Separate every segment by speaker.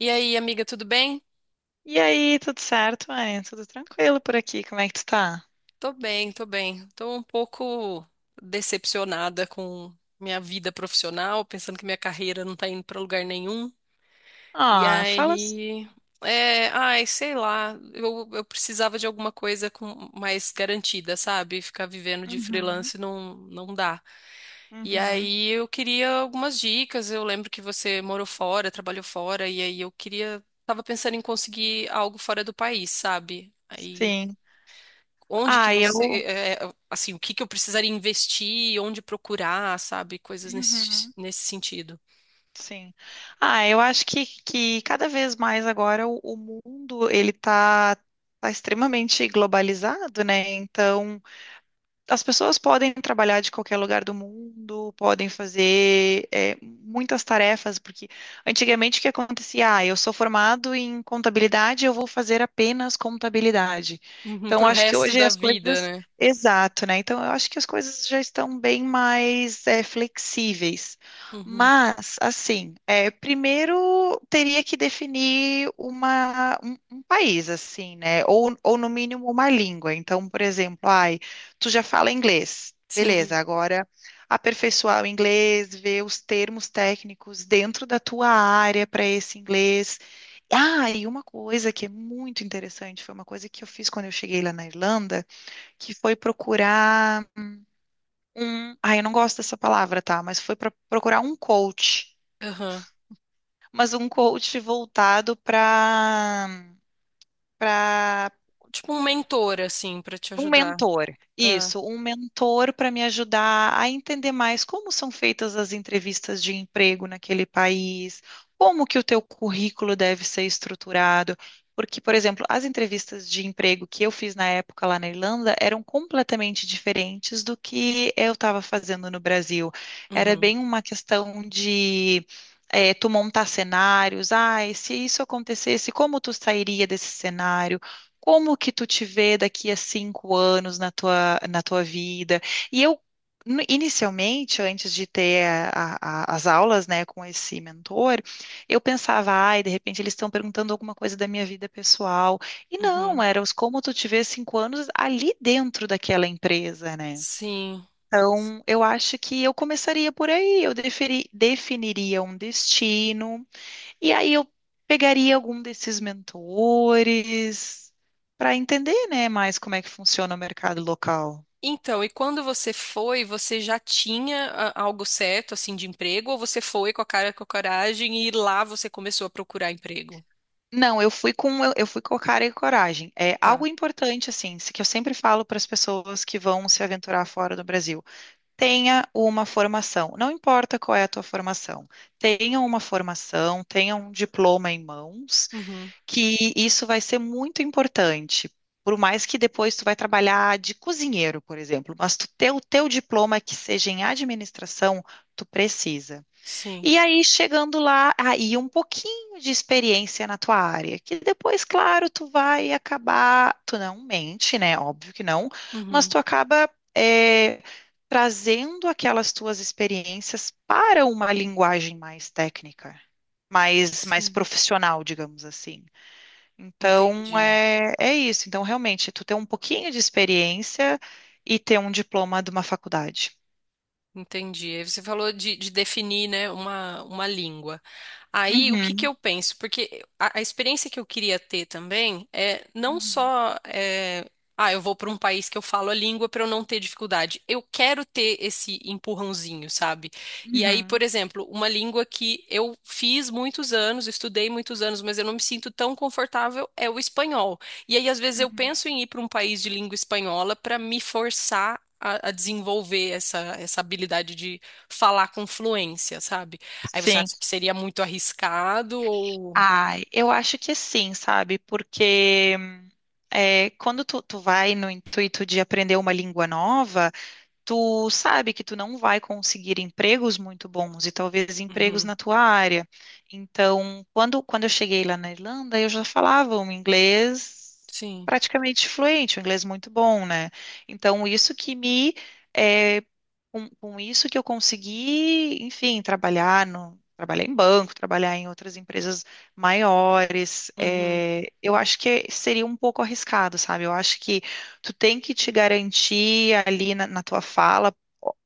Speaker 1: E aí, amiga, tudo bem?
Speaker 2: E aí, tudo certo, mãe? Tudo tranquilo por aqui? Como é que tu tá?
Speaker 1: Tô bem, tô bem. Tô um pouco decepcionada com minha vida profissional, pensando que minha carreira não tá indo pra lugar nenhum. E
Speaker 2: Ah, fala assim.
Speaker 1: aí, ai, sei lá, eu precisava de alguma coisa com mais garantida, sabe? Ficar vivendo de
Speaker 2: Uhum,
Speaker 1: freelance não, não dá. E
Speaker 2: uhum,
Speaker 1: aí eu queria algumas dicas. Eu lembro que você morou fora, trabalhou fora, e aí eu queria, tava pensando em conseguir algo fora do país, sabe? Aí
Speaker 2: sim.
Speaker 1: onde que
Speaker 2: Ah,
Speaker 1: você,
Speaker 2: eu.
Speaker 1: assim, o que que eu precisaria investir, onde procurar, sabe? Coisas nesse,
Speaker 2: Uhum,
Speaker 1: nesse sentido.
Speaker 2: sim. Ah, eu acho que cada vez mais agora o mundo ele tá, tá extremamente globalizado, né? Então, as pessoas podem trabalhar de qualquer lugar do mundo, podem fazer é, muitas tarefas, porque antigamente o que acontecia? Ah, eu sou formado em contabilidade, eu vou fazer apenas contabilidade.
Speaker 1: Uhum,
Speaker 2: Então,
Speaker 1: pro
Speaker 2: acho que
Speaker 1: resto
Speaker 2: hoje
Speaker 1: da
Speaker 2: as
Speaker 1: vida,
Speaker 2: coisas.
Speaker 1: né?
Speaker 2: Exato, né? Então, eu acho que as coisas já estão bem mais é, flexíveis.
Speaker 1: Uhum,
Speaker 2: Mas, assim, é, primeiro teria que definir um país, assim, né? Ou no mínimo, uma língua. Então, por exemplo, ai tu já fala inglês. Beleza,
Speaker 1: sim.
Speaker 2: agora aperfeiçoar o inglês, ver os termos técnicos dentro da tua área para esse inglês. Ah, e uma coisa que é muito interessante, foi uma coisa que eu fiz quando eu cheguei lá na Irlanda, que foi procurar um, ah, eu não gosto dessa palavra, tá, mas foi para procurar um coach,
Speaker 1: Aham.
Speaker 2: mas um coach voltado para
Speaker 1: Tipo um mentor, assim, pra te
Speaker 2: um
Speaker 1: ajudar.
Speaker 2: mentor,
Speaker 1: Ah,
Speaker 2: isso, um mentor para me ajudar a entender mais como são feitas as entrevistas de emprego naquele país, como que o teu currículo deve ser estruturado, porque, por exemplo, as entrevistas de emprego que eu fiz na época lá na Irlanda eram completamente diferentes do que eu estava fazendo no Brasil. Era
Speaker 1: uhum,
Speaker 2: bem uma questão de tu montar cenários, ah, e se isso acontecesse, como tu sairia desse cenário? Como que tu te vê daqui a 5 anos na tua vida? E eu, inicialmente, antes de ter as aulas, né, com esse mentor, eu pensava, ai, de repente eles estão perguntando alguma coisa da minha vida pessoal. E não,
Speaker 1: uhum.
Speaker 2: era os como tu te vê 5 anos ali dentro daquela empresa, né?
Speaker 1: Sim.
Speaker 2: Então, eu acho que eu começaria por aí, eu definiria um destino, e aí eu pegaria algum desses mentores para entender, né, mais como é que funciona o mercado local.
Speaker 1: Então, e quando você foi, você já tinha algo certo, assim, de emprego, ou você foi com a cara e com a coragem e lá você começou a procurar emprego?
Speaker 2: Não, eu fui com eu fui com cara e coragem. É algo
Speaker 1: Tá.
Speaker 2: importante assim, que eu sempre falo para as pessoas que vão se aventurar fora do Brasil. Tenha uma formação. Não importa qual é a tua formação. Tenha uma formação, tenha um diploma em mãos
Speaker 1: Uhum.
Speaker 2: que isso vai ser muito importante. Por mais que depois tu vai trabalhar de cozinheiro, por exemplo, mas tu ter o teu diploma que seja em administração, tu precisa.
Speaker 1: Sim.
Speaker 2: E aí, chegando lá, aí um pouquinho de experiência na tua área, que depois, claro, tu vai acabar, tu não mente, né? Óbvio que não, mas
Speaker 1: Uhum.
Speaker 2: tu acaba eh, trazendo aquelas tuas experiências para uma linguagem mais técnica, mais
Speaker 1: Sim.
Speaker 2: profissional, digamos assim. Então,
Speaker 1: Entendi.
Speaker 2: é isso. Então, realmente, tu ter um pouquinho de experiência e ter um diploma de uma faculdade.
Speaker 1: Entendi. Aí você falou de definir, né, uma língua. Aí, o que que
Speaker 2: Uhum,
Speaker 1: eu penso? Porque a experiência que eu queria ter também é não
Speaker 2: uhum,
Speaker 1: só, eu vou para um país que eu falo a língua para eu não ter dificuldade. Eu quero ter esse empurrãozinho, sabe? E aí, por
Speaker 2: uhum,
Speaker 1: exemplo, uma língua que eu fiz muitos anos, estudei muitos anos, mas eu não me sinto tão confortável é o espanhol. E aí, às vezes, eu
Speaker 2: uhum.
Speaker 1: penso em ir para um país de língua espanhola para me forçar a desenvolver essa habilidade de falar com fluência, sabe? Aí você
Speaker 2: Sim.
Speaker 1: acha que seria muito arriscado ou.
Speaker 2: Ai, eu acho que sim, sabe? Porque é, quando tu vai no intuito de aprender uma língua nova, tu sabe que tu não vai conseguir empregos muito bons e talvez empregos
Speaker 1: Uhum,
Speaker 2: na tua área. Então, quando eu cheguei lá na Irlanda, eu já falava um inglês
Speaker 1: sim.
Speaker 2: praticamente fluente, um inglês muito bom, né? Então, isso que me, eh, com isso que eu consegui, enfim, trabalhar no trabalhar em banco, trabalhar em outras empresas maiores,
Speaker 1: Uhum,
Speaker 2: eu acho que seria um pouco arriscado, sabe? Eu acho que tu tem que te garantir ali na, na tua fala.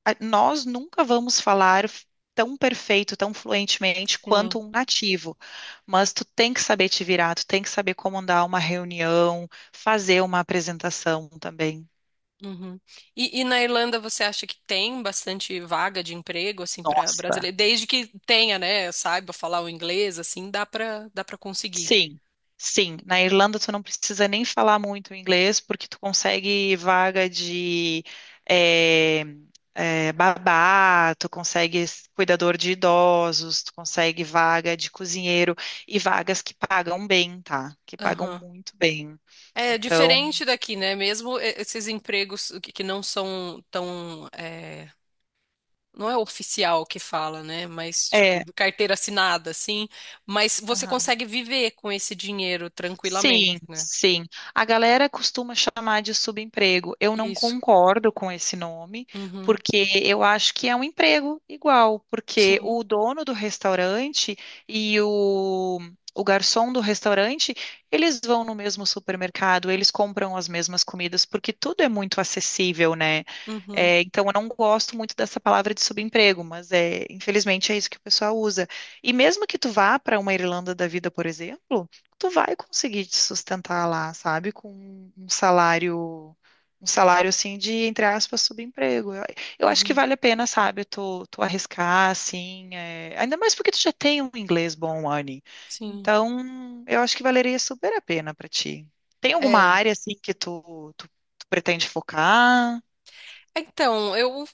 Speaker 2: Nós nunca vamos falar tão perfeito, tão fluentemente quanto
Speaker 1: sim.
Speaker 2: um nativo, mas tu tem que saber te virar, tu tem que saber comandar uma reunião, fazer uma apresentação também.
Speaker 1: Uhum. E na Irlanda você acha que tem bastante vaga de emprego assim para
Speaker 2: Nossa.
Speaker 1: brasileiro? Desde que tenha, né, saiba falar o inglês, assim, dá para conseguir.
Speaker 2: Sim, sim. Na Irlanda tu não precisa nem falar muito inglês porque tu consegue vaga de eh, babá, tu consegue cuidador de idosos, tu consegue vaga de cozinheiro e vagas que pagam bem, tá? Que pagam muito bem.
Speaker 1: É
Speaker 2: Então,
Speaker 1: diferente daqui, né? Mesmo esses empregos que não são tão, não é oficial que fala, né? Mas tipo
Speaker 2: é.
Speaker 1: de carteira assinada, assim. Mas você consegue viver com esse dinheiro tranquilamente,
Speaker 2: Sim,
Speaker 1: né?
Speaker 2: sim. A galera costuma chamar de subemprego. Eu não
Speaker 1: Isso.
Speaker 2: concordo com esse nome,
Speaker 1: Uhum.
Speaker 2: porque eu acho que é um emprego igual, porque
Speaker 1: Sim.
Speaker 2: o dono do restaurante e o garçom do restaurante, eles vão no mesmo supermercado, eles compram as mesmas comidas, porque tudo é muito acessível, né?
Speaker 1: Uhum.
Speaker 2: É, então, eu não gosto muito dessa palavra de subemprego, mas é, infelizmente é isso que o pessoal usa. E mesmo que tu vá para uma Irlanda da vida, por exemplo, tu vai conseguir te sustentar lá, sabe? Com um salário assim de, entre aspas, subemprego. Eu acho que
Speaker 1: Uhum.
Speaker 2: vale a pena, sabe? Tu arriscar, assim. É, ainda mais porque tu já tem um inglês bom, Anne.
Speaker 1: Sim.
Speaker 2: Então, eu acho que valeria super a pena pra ti. Tem alguma
Speaker 1: É.
Speaker 2: área, assim, tu pretende focar?
Speaker 1: Então,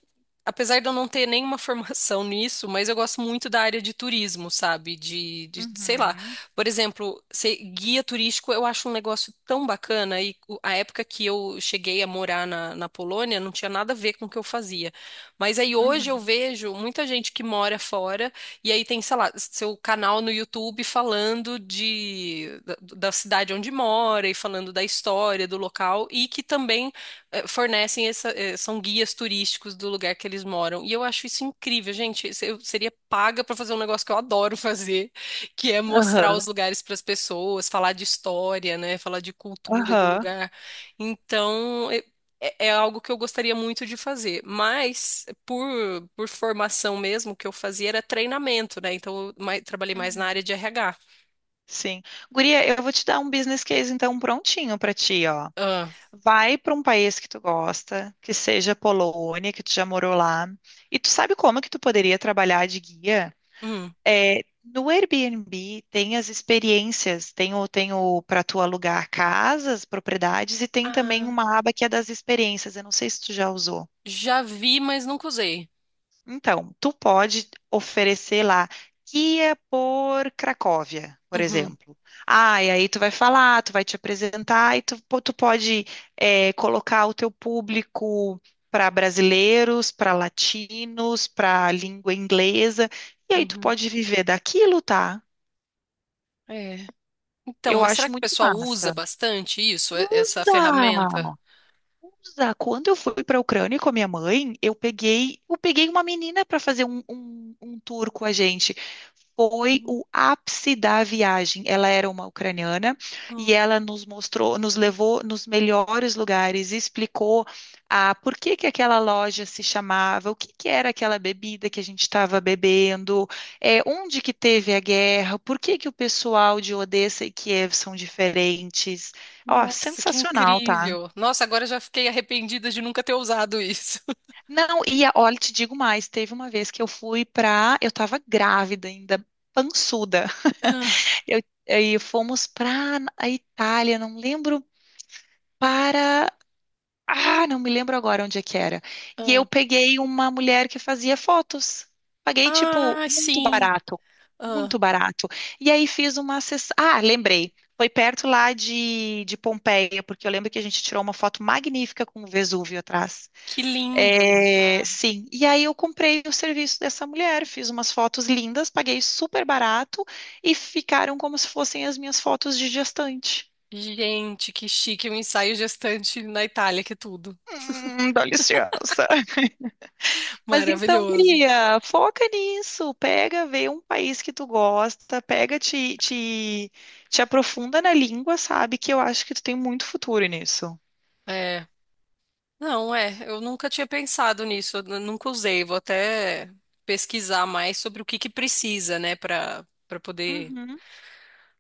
Speaker 1: apesar de eu não ter nenhuma formação nisso, mas eu gosto muito da área de turismo, sabe? Sei lá.
Speaker 2: Uhum.
Speaker 1: Por exemplo, ser guia turístico eu acho um negócio tão bacana. A época que eu cheguei a morar na Polônia não tinha nada a ver com o que eu fazia. Mas aí hoje eu
Speaker 2: Uhum.
Speaker 1: vejo muita gente que mora fora e aí tem, sei lá, seu canal no YouTube falando da cidade onde mora e falando da história do local e que também fornecem são guias turísticos do lugar que eles moram. E eu acho isso incrível, gente. Eu seria paga para fazer um negócio que eu adoro fazer, que é mostrar
Speaker 2: Aham.
Speaker 1: os lugares para as pessoas, falar de história, né? Falar de cultura do
Speaker 2: Aham.
Speaker 1: lugar. Então, É algo que eu gostaria muito de fazer. Mas, por formação mesmo, o que eu fazia era treinamento, né? Então, trabalhei mais na área
Speaker 2: Uhum.
Speaker 1: de RH.
Speaker 2: Sim. Guria, eu vou te dar um business case então prontinho pra ti, ó.
Speaker 1: Ah,
Speaker 2: Vai para um país que tu gosta, que seja Polônia, que tu já morou lá. E tu sabe como que tu poderia trabalhar de guia?
Speaker 1: hum.
Speaker 2: É, no Airbnb tem as experiências, tem o para tu alugar casas, propriedades e tem também
Speaker 1: Ah,
Speaker 2: uma aba que é das experiências. Eu não sei se tu já usou.
Speaker 1: já vi, mas nunca usei.
Speaker 2: Então, tu pode oferecer lá guia por Cracóvia, por
Speaker 1: Uhum,
Speaker 2: exemplo. Ah, e aí tu vai falar, tu vai te apresentar e tu, tu pode colocar o teu público para brasileiros, para latinos, para língua inglesa, e aí tu
Speaker 1: uhum.
Speaker 2: pode viver daquilo, tá?
Speaker 1: É. Então,
Speaker 2: Eu
Speaker 1: mas será
Speaker 2: acho
Speaker 1: que o
Speaker 2: muito
Speaker 1: pessoal usa
Speaker 2: massa.
Speaker 1: bastante isso, essa ferramenta?
Speaker 2: Usa! Usa. Quando eu fui para a Ucrânia com a minha mãe, eu peguei uma menina para fazer um tour com a gente. Foi
Speaker 1: Hum,
Speaker 2: o ápice da viagem. Ela era uma ucraniana e
Speaker 1: hum.
Speaker 2: ela nos mostrou, nos levou nos melhores lugares, explicou a por que que aquela loja se chamava, o que que era aquela bebida que a gente estava bebendo, é, onde que teve a guerra, por que que o pessoal de Odessa e Kiev são diferentes. Ó,
Speaker 1: Nossa, que
Speaker 2: sensacional, tá?
Speaker 1: incrível! Nossa, agora eu já fiquei arrependida de nunca ter usado isso.
Speaker 2: Não, e olha, te digo mais, teve uma vez que eu fui pra, eu tava grávida ainda, pançuda.
Speaker 1: Ah,
Speaker 2: Eu, aí fomos pra a Itália, não lembro para, ah, não me lembro agora onde é que era. E eu
Speaker 1: ah.
Speaker 2: peguei uma mulher que fazia fotos. Paguei tipo
Speaker 1: Ah,
Speaker 2: muito
Speaker 1: sim.
Speaker 2: barato,
Speaker 1: Ah,
Speaker 2: muito barato. E aí fiz uma sessão, ah, lembrei. Foi perto lá de Pompeia, porque eu lembro que a gente tirou uma foto magnífica com o Vesúvio atrás.
Speaker 1: que lindo.
Speaker 2: É, sim, e aí eu comprei o serviço dessa mulher, fiz umas fotos lindas, paguei super barato e ficaram como se fossem as minhas fotos de gestante.
Speaker 1: Gente, que chique, um ensaio gestante na Itália, que tudo.
Speaker 2: Dá licença. Mas então,
Speaker 1: Maravilhoso.
Speaker 2: guria, foca nisso, pega, vê um país que tu gosta, pega, te aprofunda na língua, sabe? Que eu acho que tu tem muito futuro nisso.
Speaker 1: É. Não, eu nunca tinha pensado nisso, eu nunca usei. Vou até pesquisar mais sobre o que que precisa, né, para poder
Speaker 2: Uhum.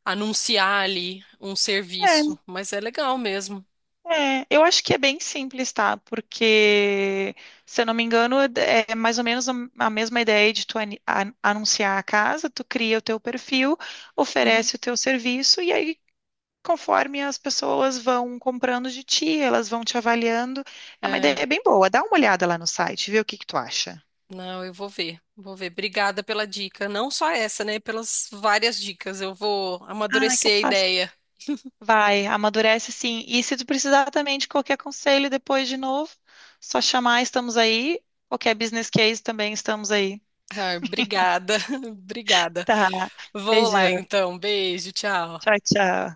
Speaker 1: anunciar ali um serviço, mas é legal mesmo.
Speaker 2: É, eu acho que é bem simples, tá? Porque, se eu não me engano, é mais ou menos a mesma ideia de tu anunciar a casa, tu cria o teu perfil,
Speaker 1: Uhum.
Speaker 2: oferece o teu serviço e aí, conforme as pessoas vão comprando de ti, elas vão te avaliando. É uma
Speaker 1: É,
Speaker 2: ideia bem boa. Dá uma olhada lá no site, vê o que que tu acha.
Speaker 1: não, eu vou ver, vou ver. Obrigada pela dica, não só essa, né? Pelas várias dicas. Eu vou
Speaker 2: Ah, é
Speaker 1: amadurecer a
Speaker 2: capaz.
Speaker 1: ideia.
Speaker 2: Vai, amadurece sim. E se tu precisar também de qualquer conselho depois de novo, só chamar, estamos aí. Qualquer business case também estamos aí.
Speaker 1: Ah, obrigada, obrigada.
Speaker 2: Tá.
Speaker 1: Vou lá
Speaker 2: Beijão.
Speaker 1: então, beijo, tchau.
Speaker 2: Tchau, tchau.